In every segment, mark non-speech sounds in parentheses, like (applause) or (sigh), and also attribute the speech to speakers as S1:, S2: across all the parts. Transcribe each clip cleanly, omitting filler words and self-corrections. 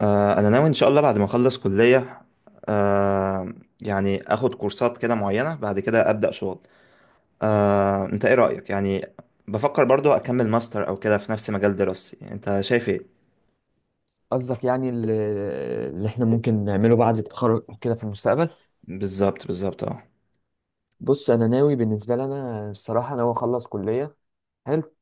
S1: انا ناوي ان شاء الله بعد ما اخلص كلية. آه، يعني اخد كورسات كده معينة بعد كده ابدأ شغل. انت ايه رأيك؟ يعني بفكر برضو اكمل ماستر او كده في نفس مجال دراستي، انت شايف ايه؟
S2: قصدك يعني اللي احنا ممكن نعمله بعد التخرج كده في المستقبل؟
S1: بالظبط بالظبط، اه.
S2: بص، انا ناوي. بالنسبه لي، انا الصراحه ناوي اخلص كليه. حلو.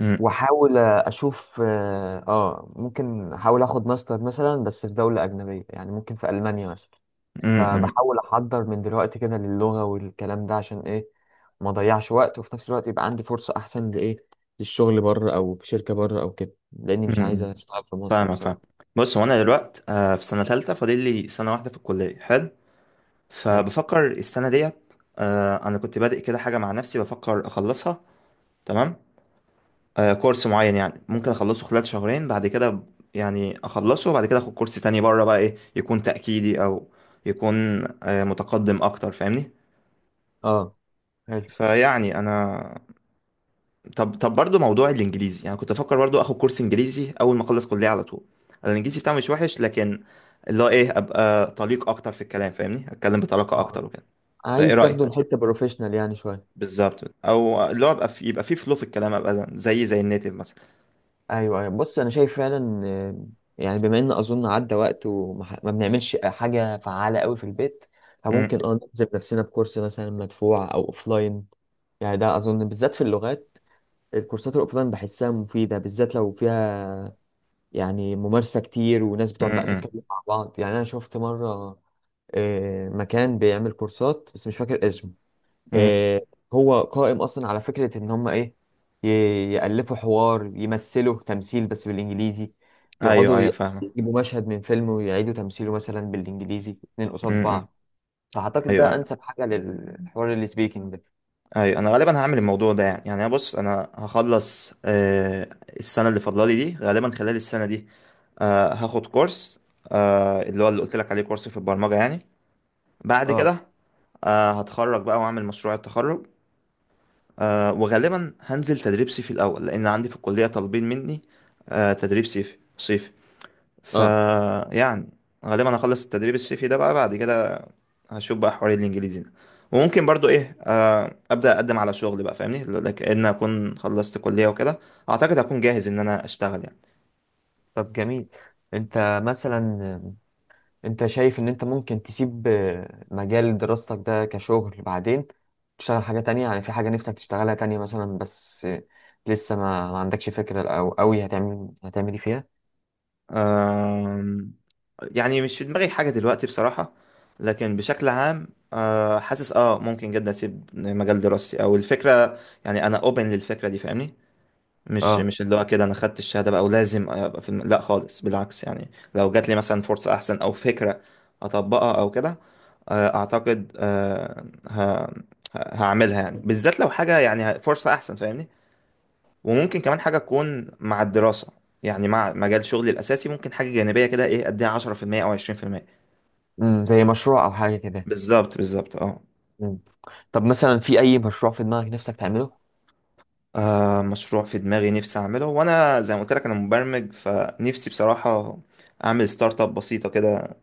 S1: أمم،
S2: واحاول اشوف، ممكن احاول اخد ماستر مثلا بس في دوله اجنبيه، يعني ممكن في المانيا مثلا.
S1: أمم، أمم،
S2: فبحاول احضر من دلوقتي كده للغه والكلام ده عشان ايه؟ ما اضيعش وقت، وفي نفس الوقت يبقى عندي فرصه احسن لايه؟ للشغل بره، او في شركه بره او كده، لاني مش عايز
S1: أمم.
S2: اشتغل في مصر
S1: فاهمك، فاهم.
S2: بصراحه.
S1: بص، هو انا دلوقت في سنة تالتة، فاضل لي سنة واحدة في الكلية، حلو.
S2: حلو.
S1: فبفكر السنة ديت، انا كنت بادئ كده حاجة مع نفسي، بفكر اخلصها. تمام. كورس معين يعني ممكن اخلصه خلال شهرين، بعد كده يعني اخلصه، وبعد كده اخد كورس تاني بره بقى، ايه، يكون تأكيدي او يكون متقدم اكتر، فاهمني.
S2: اه. حلو.
S1: فيعني انا، طب طب برضو موضوع الانجليزي، يعني كنت افكر برضو اخد كورس انجليزي اول ما اخلص كلية على طول. أنا الانجليزي بتاعي مش وحش، لكن اللي هو ايه، ابقى طليق اكتر في الكلام، فاهمني، اتكلم بطلاقة
S2: آه.
S1: اكتر وكده. فايه
S2: عايز تاخده
S1: رأيك؟
S2: لحته بروفيشنال يعني، شويه؟
S1: بالظبط، او اللي هو ابقى في يبقى في فلو في الكلام، ابقى زي النيتيف مثلا.
S2: ايوه، ايوه. بص، انا شايف فعلا، يعني بما ان اظن عدى وقت وما ما بنعملش حاجه فعاله قوي في البيت.
S1: م-
S2: فممكن نلزم نفسنا بكورس مثلا مدفوع او اوفلاين. يعني ده اظن بالذات في اللغات، الكورسات الاوفلاين بحسها مفيده، بالذات لو فيها يعني ممارسه كتير وناس
S1: م-
S2: بتقعد بقى
S1: م-
S2: تتكلم مع بعض. يعني انا شفت مره مكان بيعمل كورسات بس مش فاكر اسمه.
S1: م.
S2: آه، هو قائم اصلا على فكره ان هم ايه؟ يالفوا حوار، يمثلوا تمثيل بس بالانجليزي.
S1: ايوه
S2: يقعدوا
S1: ايوه، فاهمة.
S2: يجيبوا مشهد من فيلم ويعيدوا تمثيله مثلا بالانجليزي، اتنين قصاد
S1: امم.
S2: بعض. فاعتقد
S1: ايوه
S2: ده انسب حاجه للحوار، السبيكنج ده.
S1: ايوه، انا غالبا هعمل الموضوع ده يعني، انا، بص انا هخلص، السنه اللي فاضلالي دي، غالبا خلال السنه دي هاخد كورس، اللي هو اللي قلت لك عليه، كورس في البرمجه يعني. بعد
S2: اه،
S1: كده هتخرج بقى واعمل مشروع التخرج. وغالبا هنزل تدريب صيفي الاول، لان عندي في الكليه طالبين مني تدريب صيفي صيفي. ف
S2: اه.
S1: يعني غالبا هخلص التدريب الصيفي ده بقى، بعد كده هشوف بقى حوار الانجليزي ده. وممكن برضو ايه، ابدا اقدم على شغل بقى، فاهمني، لكن اكون خلصت كليه وكده. اعتقد هكون جاهز ان انا اشتغل يعني.
S2: طب جميل. انت مثلا، انت شايف ان انت ممكن تسيب مجال دراستك ده كشغل بعدين، تشتغل حاجة تانية؟ يعني في حاجة نفسك تشتغلها تانية مثلا، بس لسه ما عندكش فكرة، او قوي هتعمل ايه فيها؟
S1: آم، يعني مش في دماغي حاجه دلوقتي بصراحه، لكن بشكل عام حاسس ممكن جدا اسيب مجال دراستي او الفكره، يعني انا اوبن للفكره دي، فاهمني. مش
S2: اه
S1: مش اللي هو كده انا خدت الشهاده بقى ولازم ابقى في لا خالص، بالعكس، يعني لو جات لي مثلا فرصه احسن او فكره اطبقها او كده، اعتقد هعملها، يعني بالذات لو حاجه يعني فرصه احسن، فاهمني. وممكن كمان حاجه تكون مع الدراسه، يعني مع مجال شغلي الاساسي ممكن حاجه جانبيه كده، ايه، اديها 10% او 20%.
S2: زي مشروع او حاجة كده.
S1: بالظبط بالظبط، اه.
S2: امم طب مثلا، في اي مشروع في دماغك نفسك تعمله؟
S1: مشروع في دماغي نفسي اعمله، وانا زي ما قلت لك انا مبرمج، فنفسي بصراحه اعمل ستارت اب بسيطه كده،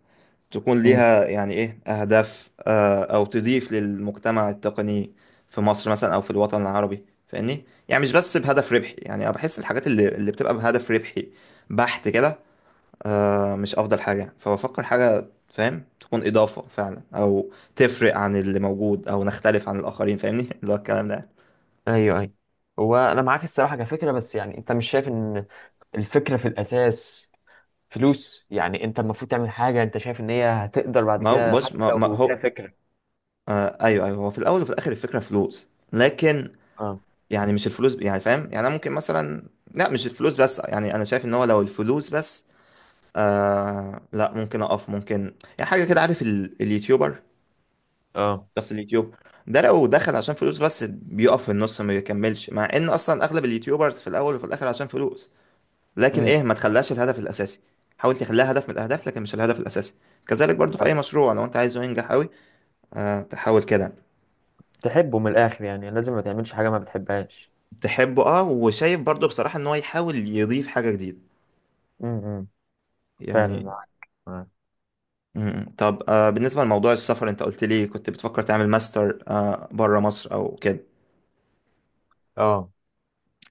S1: تكون
S2: امم،
S1: ليها يعني ايه اهداف، او تضيف للمجتمع التقني في مصر مثلا او في الوطن العربي، فاهمني، يعني مش بس بهدف ربحي. يعني انا بحس الحاجات اللي بتبقى بهدف ربحي بحت كده، مش افضل حاجة. فبفكر حاجة، فاهم، تكون اضافة فعلا، او تفرق عن اللي موجود، او نختلف عن الاخرين، فاهمني (laughs) اللي هو الكلام ده.
S2: ايوه، ايوه. هو انا معاك الصراحة كفكرة، بس يعني انت مش شايف ان الفكرة في الاساس فلوس؟ يعني انت المفروض تعمل حاجة انت شايف ان هي هتقدر بعد
S1: ما هو
S2: كده،
S1: بص،
S2: حتى
S1: ما
S2: لو فيها
S1: هو
S2: فكرة.
S1: ايوه ايوه، هو في الاول وفي الاخر الفكرة فلوس، لكن
S2: اه،
S1: يعني مش الفلوس، يعني فاهم، يعني انا ممكن مثلا، لا، مش الفلوس بس، يعني انا شايف ان هو لو الفلوس بس، لا، ممكن اقف، ممكن يعني حاجه كده، عارف اليوتيوبر،
S2: اه.
S1: شخص اليوتيوب ده لو دخل عشان فلوس بس، بيقف في النص، ما بيكملش، مع ان اصلا اغلب اليوتيوبرز في الاول وفي الاخر عشان فلوس. لكن
S2: امم
S1: ايه، ما تخليهاش الهدف الاساسي. حاول تخليها هدف من الاهداف، لكن مش الهدف الاساسي. كذلك برضو في اي مشروع لو انت عايزه ينجح قوي، تحاول كده
S2: تحبه من الاخر، يعني لازم ما تعملش حاجه ما بتحبهاش.
S1: تحبه، وشايف برضو بصراحه ان هو يحاول يضيف حاجه جديده
S2: امم فعلا
S1: يعني.
S2: معاك، معاك.
S1: مم. طب بالنسبة لموضوع السفر، انت قلت لي كنت بتفكر تعمل ماستر بره مصر او كده،
S2: اه،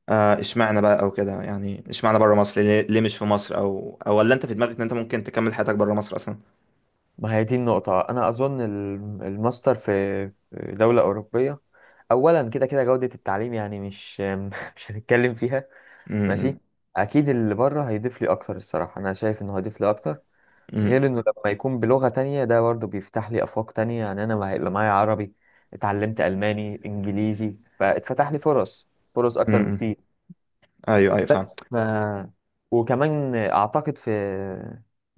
S1: اشمعنى بقى او كده؟ يعني اشمعنى بره مصر، ليه مش في مصر، او ولا انت في دماغك ان انت ممكن تكمل حياتك بره مصر اصلا؟
S2: ما هي دي النقطه. انا اظن الماستر في دوله اوروبيه، اولا كده كده جوده التعليم يعني مش (laughs) مش هنتكلم فيها.
S1: مم.
S2: ماشي. اكيد اللي بره هيضيف لي اكتر، الصراحه انا شايف انه هيضيف لي اكتر.
S1: مم.
S2: غير انه لما يكون بلغه تانية ده برضه بيفتح لي افاق تانية، يعني انا ما هيبقى معايا عربي. اتعلمت الماني، انجليزي، فاتفتح لي فرص اكتر
S1: مم.
S2: بكتير.
S1: ايوه ايوه، فاهم.
S2: بس وكمان اعتقد، في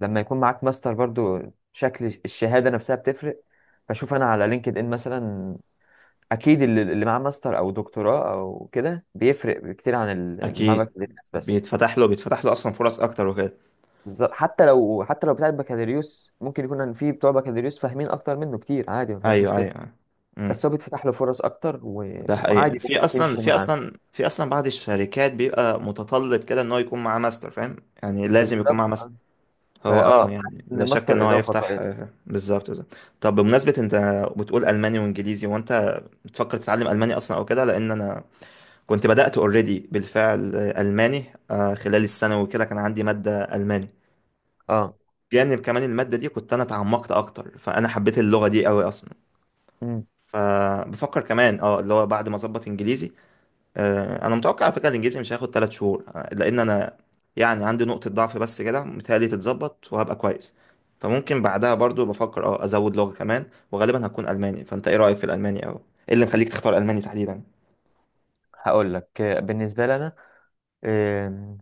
S2: لما يكون معاك ماستر برضو، شكل الشهاده نفسها بتفرق. بشوف انا على لينكد ان مثلا، اكيد اللي معاه ماستر او دكتوراه او كده بيفرق كتير عن اللي معاه
S1: اكيد،
S2: بكالوريوس بس.
S1: بيتفتح له اصلا فرص اكتر وكده.
S2: بالظبط. حتى لو بتاع البكالوريوس ممكن يكون ان في بتوع بكالوريوس فاهمين اكتر منه كتير، عادي ما فيهاش
S1: ايوه ايوه،
S2: مشكله.
S1: أيوة. مم.
S2: بس هو بيتفتح له فرص اكتر
S1: ده حقيقي،
S2: وعادي ممكن تمشي معاه.
S1: في اصلا بعض الشركات بيبقى متطلب كده، ان هو يكون معاه ماستر، فاهم، يعني لازم يكون معاه
S2: بالظبط.
S1: ماستر. هو،
S2: فاه حاسس
S1: يعني
S2: ان
S1: لا شك ان
S2: الماستر
S1: هو
S2: اضافه
S1: يفتح،
S2: كويسه.
S1: بالظبط بالظبط. طب بمناسبة، انت بتقول الماني وانجليزي، وانت بتفكر تتعلم الماني اصلا او كده؟ لان انا كنت بدأت اوريدي بالفعل الماني خلال الثانوي وكده، كان عندي مادة الماني.
S2: اه.
S1: جانب كمان المادة دي كنت انا اتعمقت اكتر، فانا حبيت اللغة دي قوي اصلا. فبفكر كمان اللي هو بعد ما اظبط انجليزي، انا متوقع على فكره الانجليزي مش هياخد 3 شهور، لان انا يعني عندي نقطه ضعف بس كده، متهيألي تتظبط وهبقى كويس. فممكن بعدها برضو بفكر ازود لغه كمان، وغالبا هتكون الماني. فانت ايه رايك في الالماني، او ايه اللي مخليك تختار الماني تحديدا؟
S2: هقول لك، بالنسبه لنا، آم،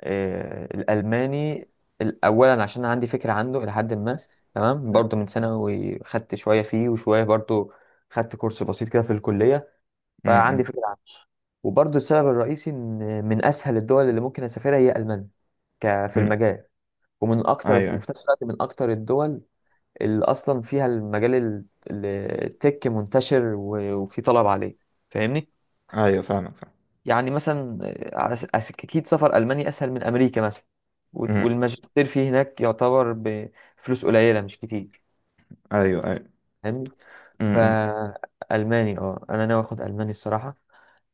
S2: آه، الالماني، اولا عشان عندي فكره عنه الى حد ما، تمام.
S1: م-
S2: برضو من ثانوي خدت شويه فيه، وشويه برضو خدت كورس بسيط كده في الكليه، فعندي
S1: م-
S2: فكره عنه. وبرضو السبب الرئيسي ان من اسهل الدول اللي ممكن اسافرها هي المانيا، في
S1: م.
S2: المجال. ومن اكتر،
S1: ايوه
S2: وفي نفس الوقت من اكتر الدول اللي اصلا فيها المجال ال- التك منتشر، وفي طلب عليه، فاهمني.
S1: ايوه، فاهمك، فاهم.
S2: يعني مثلا اكيد سفر المانيا اسهل من امريكا مثلا،
S1: م-
S2: والماجستير فيه هناك يعتبر بفلوس قليله، مش كتير،
S1: ايوه ايوه.
S2: فاهمني.
S1: م.
S2: فالماني، انا ناوي اخد الماني الصراحه،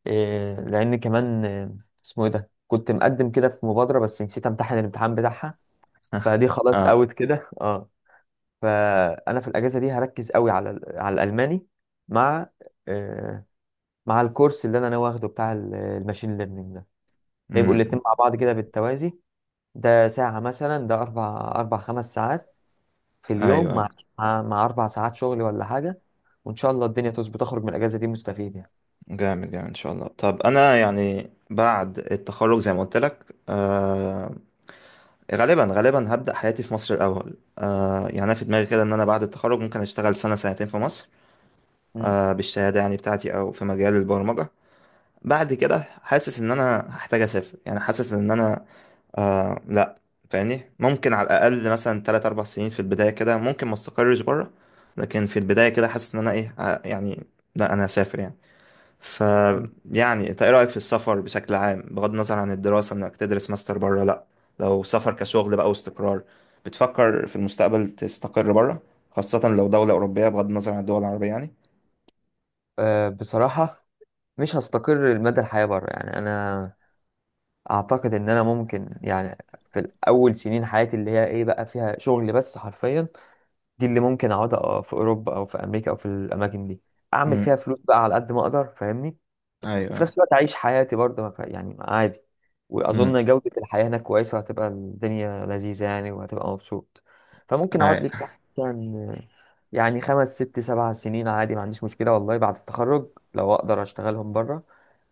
S2: لان كمان، اسمه ايه ده، كنت مقدم كده في مبادره بس نسيت امتحن الامتحان بتاعها، فدي
S1: (laughs)
S2: خلاص
S1: اه.
S2: اوت كده. اه فانا في الاجازه دي هركز قوي على الالماني، مع، إيه، مع الكورس اللي انا ناوي اخده بتاع الماشين ليرنينج ده. هيبقوا
S1: م.
S2: الاتنين مع بعض كده بالتوازي، ده ساعة مثلا، ده أربع خمس ساعات في
S1: ايوه
S2: اليوم، مع
S1: ايوه،
S2: مع, مع أربع ساعات شغل ولا حاجة. وإن شاء الله الدنيا تظبط، أخرج من الأجازة دي مستفيد يعني.
S1: جامد جامد ان شاء الله. طب انا يعني بعد التخرج زي ما قلت لك، غالبا هبدأ حياتي في مصر الأول. يعني أنا في دماغي كده، إن أنا بعد التخرج ممكن أشتغل سنة سنتين في مصر
S2: مم.
S1: بالشهادة يعني بتاعتي، أو في مجال البرمجة. بعد كده حاسس إن أنا هحتاج أسافر، يعني حاسس إن أنا آه لأ فاهمني، ممكن على الأقل مثلا 3 4 سنين في البداية كده، ممكن ما استقرش بره، لكن في البداية كده حاسس إن أنا إيه، يعني لأ، أنا هسافر يعني. ف
S2: مم.
S1: يعني انت ايه رأيك في السفر بشكل عام، بغض النظر عن الدراسة انك تدرس ماستر بره؟ لا، لو سفر كشغل بقى واستقرار، بتفكر في المستقبل تستقر بره؟ خاصة لو دولة أوروبية، بغض النظر عن الدول العربية يعني.
S2: أه، بصراحة مش هستقر لمدى الحياة بره، يعني أنا أعتقد إن أنا ممكن، يعني في الأول سنين حياتي اللي هي بقى فيها شغل بس حرفيا، دي اللي ممكن أقعد في أوروبا أو في أمريكا أو في الأماكن دي، أعمل فيها
S1: امم.
S2: فلوس بقى على قد ما أقدر، فاهمني.
S1: ايوه
S2: وفي نفس
S1: ايوه.
S2: الوقت أعيش حياتي برضه، ما ف- يعني عادي.
S1: امم.
S2: وأظن جودة الحياة هناك كويسة، وهتبقى الدنيا لذيذة يعني، وهتبقى مبسوط. فممكن أقعد لي
S1: ايوه
S2: بتاع مثلا يعني خمس، ست، سبع سنين، عادي ما عنديش مشكلة والله، بعد التخرج لو أقدر أشتغلهم بره،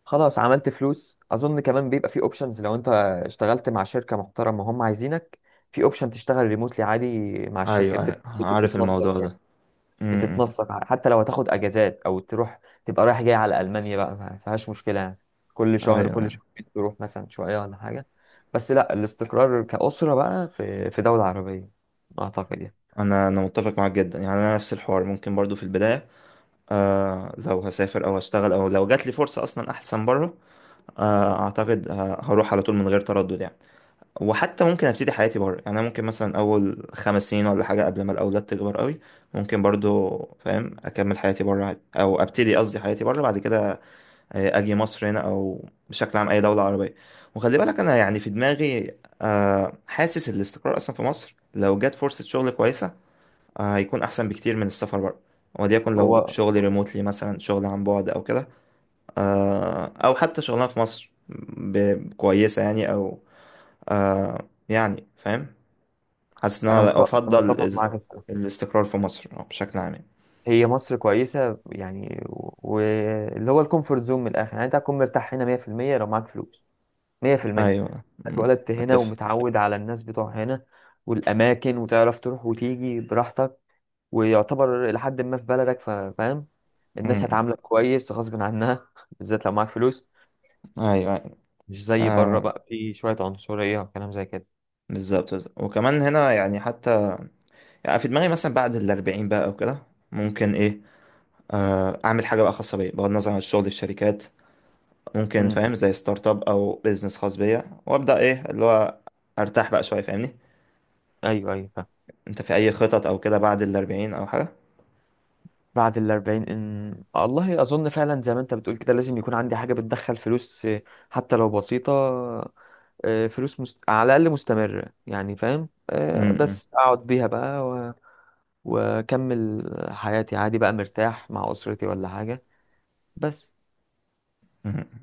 S2: خلاص عملت فلوس. اظن كمان بيبقى في اوبشنز، لو انت اشتغلت مع شركه محترمه هم عايزينك، في اوبشن تشتغل ريموتلي عادي، مع الشركه
S1: ايوه. ايوه
S2: بتبقى
S1: عارف
S2: بتتنسق.
S1: الموضوع ده. امم.
S2: بتتنسق، حتى لو هتاخد اجازات او تروح، تبقى رايح جاي على المانيا بقى، ما فيهاش مشكله يعني. كل
S1: ايوه،
S2: شهر، كل
S1: أيوة.
S2: شهرين تروح مثلا شويه ولا حاجه. بس لا، الاستقرار كاسره بقى في دوله عربيه اعتقد يعني.
S1: انا متفق معاك جدا، يعني انا نفس الحوار. ممكن برضو في البداية لو هسافر او هشتغل، او لو جات لي فرصة اصلا احسن بره، اعتقد هروح على طول من غير تردد يعني. وحتى ممكن ابتدي حياتي بره، يعني انا ممكن مثلا اول 5 سنين ولا حاجه، قبل ما الاولاد تكبر قوي ممكن برضو، فاهم، اكمل حياتي بره عادي، او ابتدي، قصدي، حياتي بره. بعد كده اجي مصر هنا، او بشكل عام اي دوله عربيه. وخلي بالك انا، يعني في دماغي حاسس الاستقرار اصلا في مصر، لو جت فرصه شغل كويسه هيكون احسن بكتير من السفر بره. وليكن لو
S2: هو
S1: شغل ريموتلي مثلا، شغل عن بعد او كده، او حتى شغلانه في مصر كويسه يعني، او آه، يعني فاهم، حاسس ان
S2: انا مت-
S1: انا
S2: أنا
S1: افضل
S2: متفق معاك الصراحه.
S1: الاستقرار في مصر، بشكل عام.
S2: هي مصر كويسه يعني، واللي هو الكومفورت زون من الاخر، يعني انت هتكون مرتاح هنا 100%، لو معاك فلوس 100%.
S1: ايوه. أمم.
S2: اتولدت هنا
S1: اتفق.
S2: ومتعود على الناس بتوع هنا، والاماكن، وتعرف تروح وتيجي براحتك، ويعتبر لحد ما في بلدك، فاهم. الناس
S1: أمم.
S2: هتعاملك كويس غصب عنها (laughs) بالذات لو معاك فلوس،
S1: ايوه، أيوة.
S2: مش زي بره
S1: آه،
S2: بقى، في شوية عنصرية وكلام زي كده.
S1: بالظبط بالظبط. وكمان هنا يعني، حتى يعني في دماغي مثلا بعد الأربعين بقى او كده، ممكن ايه، اعمل حاجه بقى خاصه بيا، بغض النظر عن الشغل، الشركات، ممكن
S2: امم.
S1: فاهم، زي ستارت اب او بيزنس خاص بيا، وابدا ايه اللي هو ارتاح بقى شويه، فاهمني.
S2: ايوه، ايوه. فاهم.
S1: انت في اي خطط او كده بعد الأربعين او حاجه؟
S2: بعد الأربعين، إن... آه، والله أظن فعلا زي ما أنت بتقول كده، لازم يكون عندي حاجة بتدخل فلوس، حتى لو بسيطة، فلوس على الأقل مستمرة يعني، فاهم،
S1: أمم،
S2: بس أقعد بيها بقى وأكمل حياتي عادي بقى، مرتاح مع أسرتي ولا حاجة، بس.
S1: أمم.